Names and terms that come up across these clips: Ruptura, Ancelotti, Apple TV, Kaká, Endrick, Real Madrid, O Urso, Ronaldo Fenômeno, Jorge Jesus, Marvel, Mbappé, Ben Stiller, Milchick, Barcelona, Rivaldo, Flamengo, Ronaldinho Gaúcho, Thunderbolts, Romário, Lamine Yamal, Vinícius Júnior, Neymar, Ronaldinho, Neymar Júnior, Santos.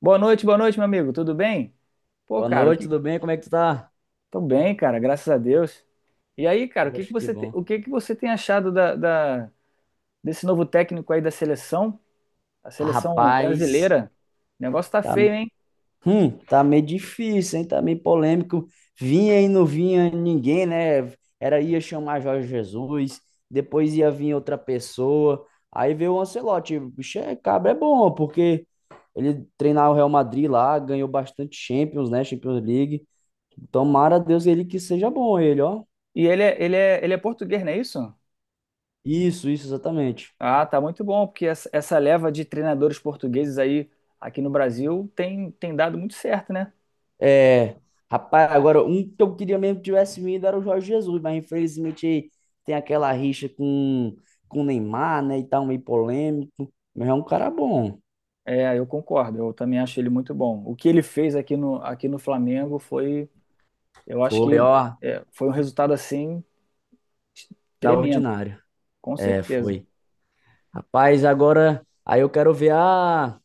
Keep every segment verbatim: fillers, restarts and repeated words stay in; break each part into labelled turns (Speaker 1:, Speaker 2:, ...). Speaker 1: Boa noite, boa noite, meu amigo. Tudo bem? Pô,
Speaker 2: Boa
Speaker 1: cara, o
Speaker 2: noite,
Speaker 1: que...
Speaker 2: tudo bem? Como é que tu tá?
Speaker 1: tô bem, cara, graças a Deus. E aí, cara, o que que
Speaker 2: Poxa, que
Speaker 1: você te-
Speaker 2: bom.
Speaker 1: o que que você tem achado da, da- desse novo técnico aí da seleção, a seleção
Speaker 2: Rapaz,
Speaker 1: brasileira? O negócio tá
Speaker 2: tá,
Speaker 1: feio, hein?
Speaker 2: hum, tá meio difícil, hein? Tá meio polêmico. Vinha e não vinha ninguém, né? Era Ia chamar Jorge Jesus, depois ia vir outra pessoa. Aí veio o Ancelotti. Bicho, é, cabra é bom, porque ele treinava o Real Madrid lá, ganhou bastante Champions, né? Champions League. Tomara a Deus ele que seja bom, ele, ó.
Speaker 1: E ele é, ele é, ele é português, não é isso?
Speaker 2: Isso, isso, exatamente.
Speaker 1: Ah, tá muito bom, porque essa, essa leva de treinadores portugueses aí aqui no Brasil tem, tem dado muito certo, né?
Speaker 2: É, rapaz, agora um que eu queria mesmo que tivesse vindo era o Jorge Jesus, mas infelizmente tem aquela rixa com, com o Neymar, né? E tal, meio polêmico. Mas é um cara bom.
Speaker 1: É, eu concordo, eu também acho ele muito bom. O que ele fez aqui no, aqui no Flamengo foi, eu acho
Speaker 2: Foi,
Speaker 1: que
Speaker 2: ó,
Speaker 1: é, foi um resultado assim
Speaker 2: da
Speaker 1: Tremendo,
Speaker 2: ordinária.
Speaker 1: com
Speaker 2: É,
Speaker 1: certeza.
Speaker 2: foi. Rapaz, agora aí eu quero ver a,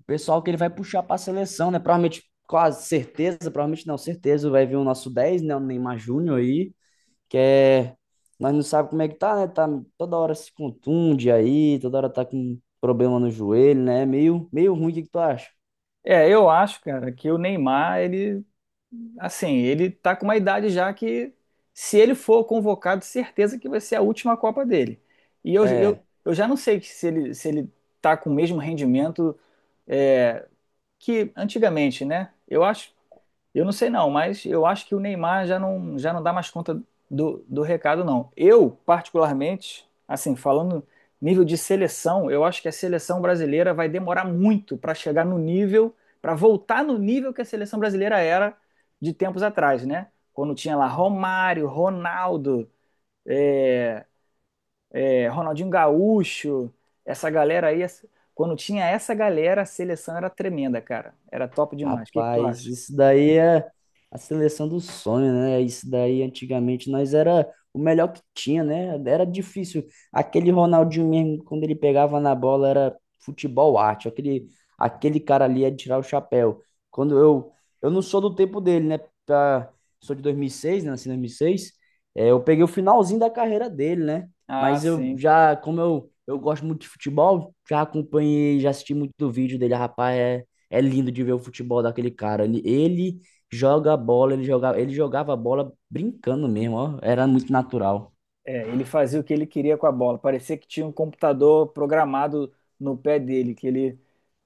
Speaker 2: o pessoal que ele vai puxar pra seleção, né? Provavelmente, quase certeza, provavelmente não, certeza vai vir o nosso dez, né? O Neymar Júnior aí. que é, Nós não sabemos como é que tá, né? Tá toda hora se contunde aí, toda hora tá com problema no joelho, né? Meio, meio ruim, o que que tu acha?
Speaker 1: É, eu acho, cara, que o Neymar, ele, assim, ele tá com uma idade já que, se ele for convocado, certeza que vai ser a última Copa dele. E eu, eu,
Speaker 2: É.
Speaker 1: eu já não sei se ele, se ele tá com o mesmo rendimento é, que antigamente, né? Eu acho, Eu não sei não, mas eu acho que o Neymar já não, já não dá mais conta do, do recado, não. Eu, particularmente, assim, falando nível de seleção, eu acho que a seleção brasileira vai demorar muito para chegar no nível, para voltar no nível que a seleção brasileira era de tempos atrás, né? Quando tinha lá Romário, Ronaldo, é, Ronaldinho Gaúcho, essa galera aí. Quando tinha essa galera, a seleção era tremenda, cara. Era top demais. O que que tu
Speaker 2: Rapaz,
Speaker 1: acha?
Speaker 2: isso daí é a seleção do sonho, né? Isso daí antigamente nós era o melhor que tinha, né? Era difícil. Aquele Ronaldinho mesmo, quando ele pegava na bola, era futebol arte. Aquele, aquele cara ali é de tirar o chapéu. Quando eu, eu não sou do tempo dele, né? Pra- Sou de dois mil e seis, né? Nasci em dois mil e seis. É, eu peguei o finalzinho da carreira dele, né?
Speaker 1: Ah,
Speaker 2: Mas eu
Speaker 1: sim.
Speaker 2: já, como eu, eu gosto muito de futebol, já acompanhei, já assisti muito do vídeo dele, rapaz. é é lindo de ver o futebol daquele cara. Ele, ele joga a bola, ele jogava, ele jogava a bola brincando mesmo, ó. Era muito natural.
Speaker 1: É, ele fazia o que ele queria com a bola. Parecia que tinha um computador programado no pé dele, que ele,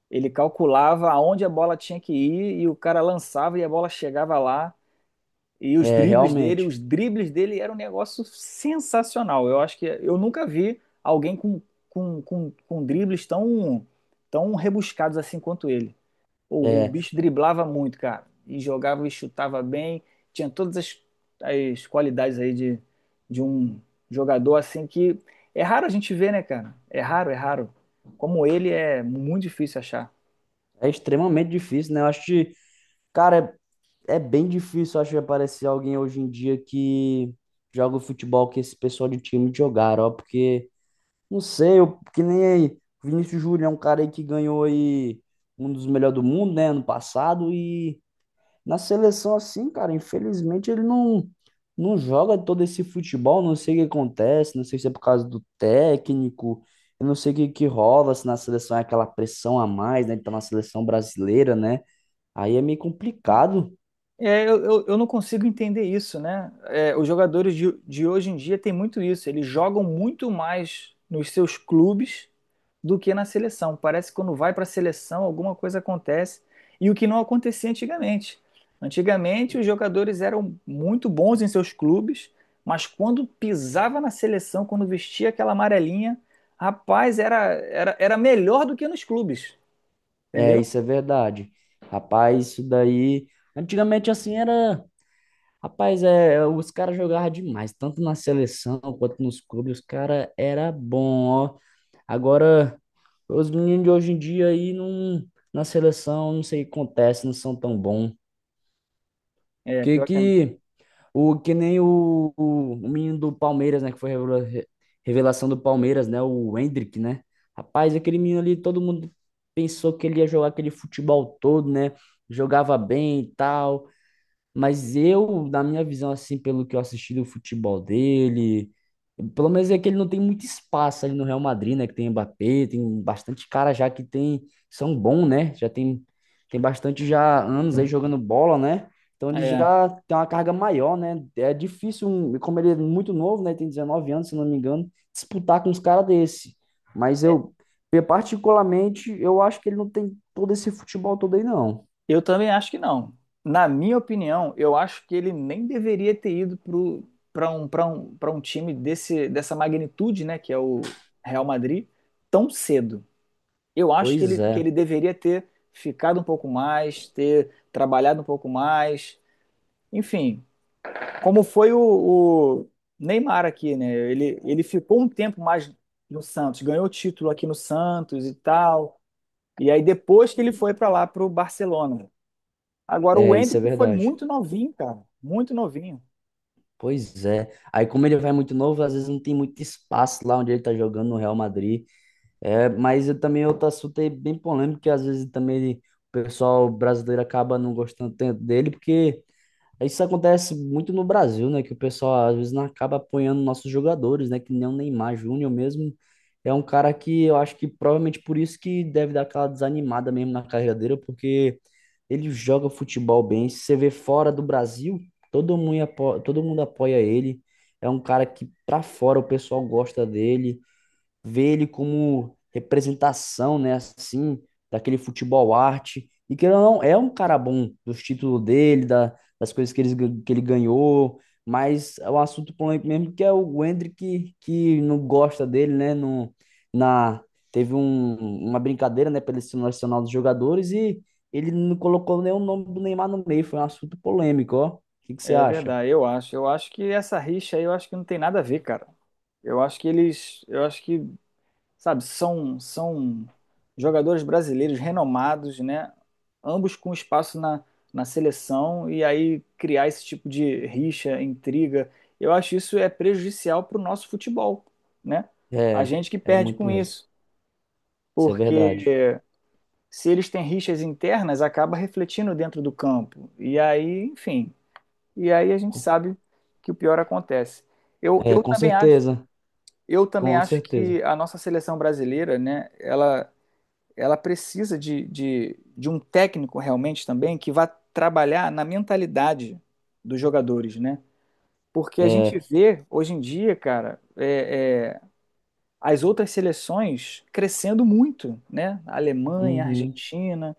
Speaker 1: ele calculava aonde a bola tinha que ir e o cara lançava e a bola chegava lá. E os
Speaker 2: É,
Speaker 1: dribles dele,
Speaker 2: realmente.
Speaker 1: os dribles dele eram um negócio sensacional. Eu acho que eu nunca vi alguém com, com, com, com dribles tão, tão rebuscados assim quanto ele. Pô, o
Speaker 2: É,
Speaker 1: bicho driblava muito, cara. E jogava e chutava bem. Tinha todas as, as qualidades aí de, de um jogador assim que é raro a gente ver, né, cara? É raro, é raro. Como ele é muito difícil achar.
Speaker 2: é extremamente difícil, né? Eu acho que, cara, é, é bem difícil, eu acho, aparecer alguém hoje em dia que joga o futebol que esse pessoal de time jogaram, ó. Porque, não sei, eu, que nem aí. Vinícius Júnior é um cara aí que ganhou aí um dos melhores do mundo, né? Ano passado e na seleção, assim, cara, infelizmente ele não, não joga todo esse futebol, não sei o que acontece, não sei se é por causa do técnico, eu não sei o que, que rola, se na seleção é aquela pressão a mais, né? Ele tá na seleção brasileira, né? Aí é meio complicado.
Speaker 1: É, eu, eu, eu não consigo entender isso, né? É, os jogadores de, de hoje em dia têm muito isso. Eles jogam muito mais nos seus clubes do que na seleção. Parece que quando vai para a seleção, alguma coisa acontece. E o que não acontecia antigamente. Antigamente, os jogadores eram muito bons em seus clubes, mas quando pisava na seleção, quando vestia aquela amarelinha, rapaz, era, era, era melhor do que nos clubes,
Speaker 2: É,
Speaker 1: entendeu?
Speaker 2: isso é verdade. Rapaz, isso daí. Antigamente, assim, era. Rapaz, é, os caras jogavam demais, tanto na seleção quanto nos clubes, os caras era bom, ó. Agora, os meninos de hoje em dia aí não, na seleção, não sei o que acontece, não são tão bons.
Speaker 1: É,
Speaker 2: Que
Speaker 1: pior que é.
Speaker 2: que O que nem o, o, o menino do Palmeiras, né, que foi revela- re- revelação do Palmeiras, né, o Endrick, né? Rapaz, aquele menino ali, todo mundo pensou que ele ia jogar aquele futebol todo, né? Jogava bem e tal. Mas eu, na minha visão, assim, pelo que eu assisti do futebol dele, pelo menos é que ele não tem muito espaço ali no Real Madrid, né? Que tem Mbappé, tem bastante cara já que tem, são bons, né? Já tem, tem bastante já anos aí jogando bola, né? Então ele
Speaker 1: É.
Speaker 2: já tem uma carga maior, né? É difícil, um- como ele é muito novo, né? Tem dezenove anos, se não me engano, disputar com uns caras desse. Mas eu, particularmente, eu acho que ele não tem todo esse futebol todo aí, não.
Speaker 1: Eu também acho que não. Na minha opinião, eu acho que ele nem deveria ter ido para um, para um, para um time desse, dessa magnitude, né, que é o Real Madrid, tão cedo. Eu acho que ele,
Speaker 2: Pois
Speaker 1: que
Speaker 2: é,
Speaker 1: ele deveria ter ficado um pouco mais, ter trabalhado um pouco mais. Enfim, como foi o, o Neymar aqui, né? Ele, ele ficou um tempo mais no Santos, ganhou título aqui no Santos e tal. E aí depois que ele foi para lá para o Barcelona. Agora, o
Speaker 2: é, isso é
Speaker 1: Endrick foi
Speaker 2: verdade.
Speaker 1: muito novinho, cara. Muito novinho.
Speaker 2: Pois é. Aí, como ele vai muito novo, às vezes não tem muito espaço lá onde ele tá jogando no Real Madrid. É, mas eu também outro assunto aí bem polêmico, que às vezes também ele- o pessoal brasileiro acaba não gostando tanto dele, porque isso acontece muito no Brasil, né? Que o pessoal às vezes não acaba apoiando nossos jogadores, né? Que nem o Neymar Júnior mesmo é um cara que eu acho que provavelmente por isso que deve dar aquela desanimada mesmo na carreira dele, porque ele joga futebol bem. Se você vê fora do Brasil, todo mundo apoia, todo mundo apoia ele. É um cara que pra fora o pessoal gosta dele ver ele como representação, né, assim, daquele futebol arte. E que ele não é um cara bom dos títulos dele, da, das coisas que ele, que ele ganhou, mas é um assunto polêmico mesmo, que é o Hendrick que, que não gosta dele, né, no, na, teve um, uma brincadeira, né, pela seleção nacional dos jogadores e ele não colocou nem o nome do Neymar no meio, foi um assunto polêmico, ó. O que que você
Speaker 1: É
Speaker 2: acha?
Speaker 1: verdade, eu acho. Eu acho que essa rixa aí, eu acho que não tem nada a ver, cara. Eu acho que eles, eu acho que, sabe, são são jogadores brasileiros renomados, né? Ambos com espaço na, na seleção e aí criar esse tipo de rixa, intriga, eu acho isso é prejudicial para o nosso futebol, né? A
Speaker 2: É,
Speaker 1: gente que
Speaker 2: é
Speaker 1: perde
Speaker 2: muito
Speaker 1: com
Speaker 2: mesmo.
Speaker 1: isso,
Speaker 2: Isso é
Speaker 1: porque
Speaker 2: verdade.
Speaker 1: se eles têm rixas internas, acaba refletindo dentro do campo. E aí, enfim, e aí a gente sabe que o pior acontece. Eu,
Speaker 2: É,
Speaker 1: eu
Speaker 2: com
Speaker 1: também acho,
Speaker 2: certeza,
Speaker 1: eu também
Speaker 2: com
Speaker 1: acho
Speaker 2: certeza.
Speaker 1: que a nossa seleção brasileira, né, ela, ela precisa de, de, de um técnico realmente também que vá trabalhar na mentalidade dos jogadores, né? Porque a
Speaker 2: É,
Speaker 1: gente vê hoje em dia, cara, é, é, as outras seleções crescendo muito, né? A Alemanha, a
Speaker 2: uhum,
Speaker 1: Argentina,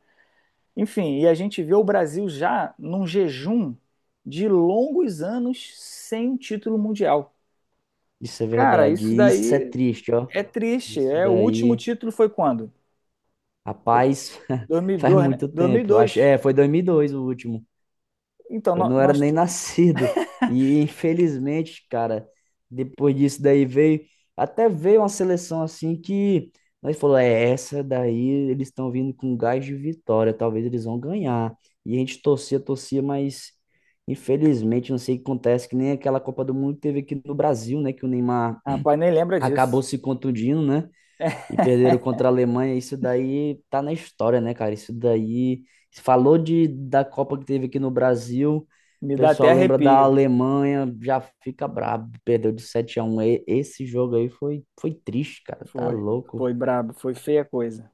Speaker 1: Enfim, e a gente vê o Brasil já num jejum de longos anos sem um título mundial.
Speaker 2: isso é
Speaker 1: Cara,
Speaker 2: verdade.
Speaker 1: isso
Speaker 2: E isso é
Speaker 1: daí
Speaker 2: triste, ó.
Speaker 1: é triste.
Speaker 2: Isso
Speaker 1: É, o último
Speaker 2: daí,
Speaker 1: título foi quando?
Speaker 2: rapaz, faz
Speaker 1: dois mil e dois, né?
Speaker 2: muito tempo. Eu acho,
Speaker 1: dois mil e dois.
Speaker 2: é, foi dois mil e dois o último.
Speaker 1: Então,
Speaker 2: Eu
Speaker 1: nó-
Speaker 2: não era
Speaker 1: nós...
Speaker 2: nem nascido. E infelizmente, cara, depois disso daí veio, até veio uma seleção assim que nós falou, é essa daí, eles estão vindo com gás de vitória, talvez eles vão ganhar. E a gente torcia, torcia, mas infelizmente não sei o que acontece, que nem aquela Copa do Mundo que teve aqui no Brasil, né, que o Neymar
Speaker 1: Rapaz, nem lembra
Speaker 2: acabou
Speaker 1: disso.
Speaker 2: se contundindo, né? E perderam contra a Alemanha. Isso daí tá na história, né, cara? Isso daí. Falou de, da Copa que teve aqui no Brasil. O
Speaker 1: Me dá até
Speaker 2: pessoal lembra da
Speaker 1: arrepio.
Speaker 2: Alemanha, já fica brabo. Perdeu de sete a um. E- Esse jogo aí foi, foi triste, cara. Tá
Speaker 1: Foi,
Speaker 2: louco.
Speaker 1: foi brabo, foi feia a coisa.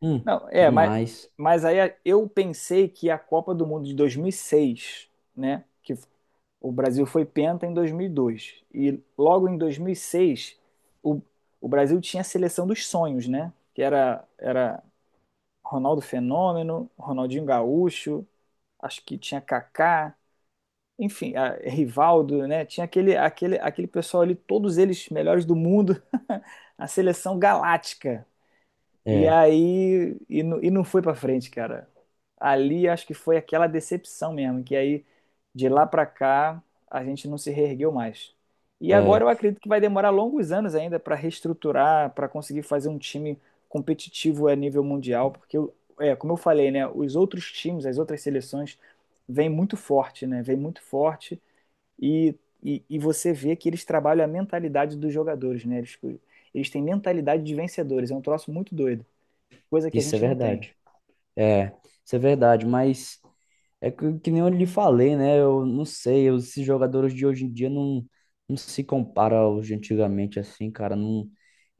Speaker 2: Hum,
Speaker 1: Não, é, mas,
Speaker 2: demais.
Speaker 1: mas aí eu pensei que a Copa do Mundo de dois mil e seis, né? Que O Brasil foi penta em dois mil E dois e logo em dois mil e seis o, o Brasil tinha a seleção dos sonhos, né? Que era, era Ronaldo Fenômeno, Ronaldinho Gaúcho, acho que tinha Kaká, enfim, a, Rivaldo, né? Tinha aquele, aquele, aquele pessoal ali, todos eles melhores do mundo, a seleção galáctica e
Speaker 2: É,
Speaker 1: aí, e, não- e não foi pra frente, cara. Ali acho que foi aquela decepção mesmo, que aí de lá pra cá a gente não se reergueu mais. E agora
Speaker 2: é.
Speaker 1: eu acredito que vai demorar longos anos ainda pra reestruturar, pra conseguir fazer um time competitivo a nível mundial, porque eu- é, como eu falei, né, os outros times, as outras seleções vêm muito forte, né? Vêm muito forte e, e, e você vê que eles trabalham a mentalidade dos jogadores, né? Eles, eles têm mentalidade de vencedores, é um troço muito doido, coisa que a
Speaker 2: Isso é
Speaker 1: gente não tem.
Speaker 2: verdade. É, isso é verdade, mas é que, que nem eu lhe falei, né? Eu não sei, eu- esses jogadores de hoje em dia não, não se compara aos de antigamente, assim, cara. Não,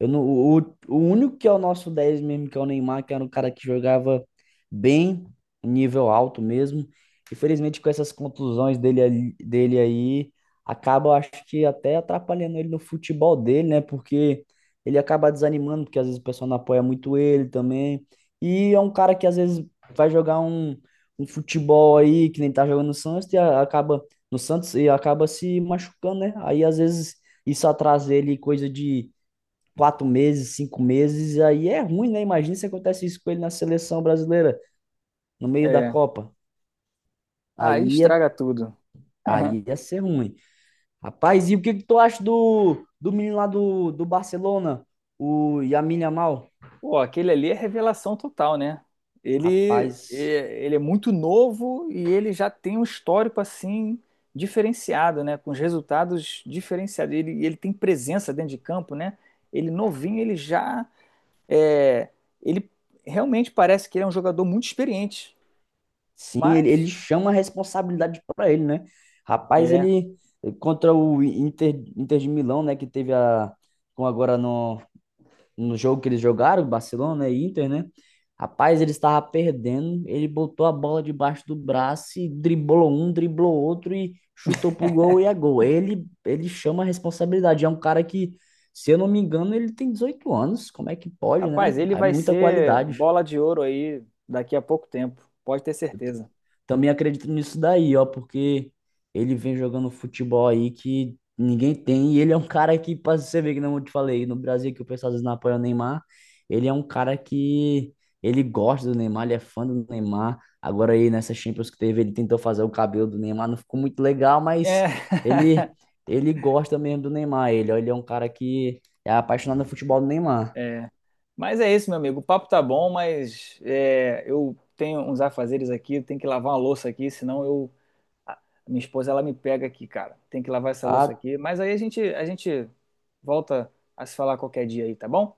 Speaker 2: eu não, o, o único que é o nosso dez mesmo, que é o Neymar, que era um cara que jogava bem, nível alto mesmo. Infelizmente, com essas contusões dele, ali- dele aí, acaba, eu acho que até atrapalhando ele no futebol dele, né? Porque ele acaba desanimando, porque às vezes o pessoal não apoia muito ele também. E é um cara que às vezes vai jogar um, um futebol aí, que nem tá jogando no Santos, e a- acaba no Santos e acaba se machucando, né? Aí às vezes isso atrasa ele coisa de quatro meses, cinco meses, e aí é ruim, né? Imagina se acontece isso com ele na seleção brasileira, no meio da
Speaker 1: É.
Speaker 2: Copa. Aí
Speaker 1: Aí
Speaker 2: ia,
Speaker 1: estraga tudo.
Speaker 2: Aí ia ser ruim. Rapaz, e o que que tu acha do, do menino lá do, do Barcelona, o Lamine Yamal?
Speaker 1: Pô, aquele ali é revelação total, né? Ele,
Speaker 2: Rapaz,
Speaker 1: é- ele é muito novo e ele já tem um histórico assim diferenciado, né? Com os resultados diferenciados. Ele, ele tem presença dentro de campo, né? Ele novinho, ele já é, ele realmente parece que ele é um jogador muito experiente.
Speaker 2: sim, ele, ele
Speaker 1: Mas
Speaker 2: chama a responsabilidade para ele, né? Rapaz,
Speaker 1: é,
Speaker 2: ele eh, contra o Inter, Inter de Milão, né? Que teve a. Com agora no, no jogo que eles jogaram, Barcelona e Inter, né? Rapaz, ele estava perdendo. Ele botou a bola debaixo do braço e driblou um, driblou outro e chutou pro gol e é gol. Ele, ele chama a responsabilidade. É um cara que, se eu não me engano, ele tem dezoito anos. Como é que pode,
Speaker 1: rapaz,
Speaker 2: né?
Speaker 1: ele
Speaker 2: É
Speaker 1: vai
Speaker 2: muita
Speaker 1: ser
Speaker 2: qualidade.
Speaker 1: bola de ouro aí daqui a pouco tempo, pode ter certeza.
Speaker 2: Também acredito nisso daí, ó, porque ele vem jogando futebol aí que ninguém tem. E ele é um cara que, pra você ver que não eu te falei, no Brasil que o pessoal às vezes não apoia o Neymar, ele é um cara que ele gosta do Neymar, ele é fã do Neymar. Agora aí nessa Champions que teve, ele tentou fazer o cabelo do Neymar, não ficou muito legal, mas
Speaker 1: É.
Speaker 2: ele ele gosta mesmo do Neymar, ele, ó, ele é um cara que é apaixonado no futebol do Neymar.
Speaker 1: É. Mas é isso, meu amigo. O papo tá bom, mas é, eu tenho uns afazeres aqui, eu tenho que lavar uma louça aqui, senão eu a minha esposa ela me pega aqui, cara. Tem que lavar essa louça
Speaker 2: Ah,
Speaker 1: aqui. Mas aí a gente a gente volta a se falar qualquer dia aí, tá bom?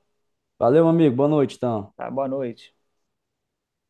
Speaker 2: valeu, amigo, boa noite, então.
Speaker 1: Tá, boa noite.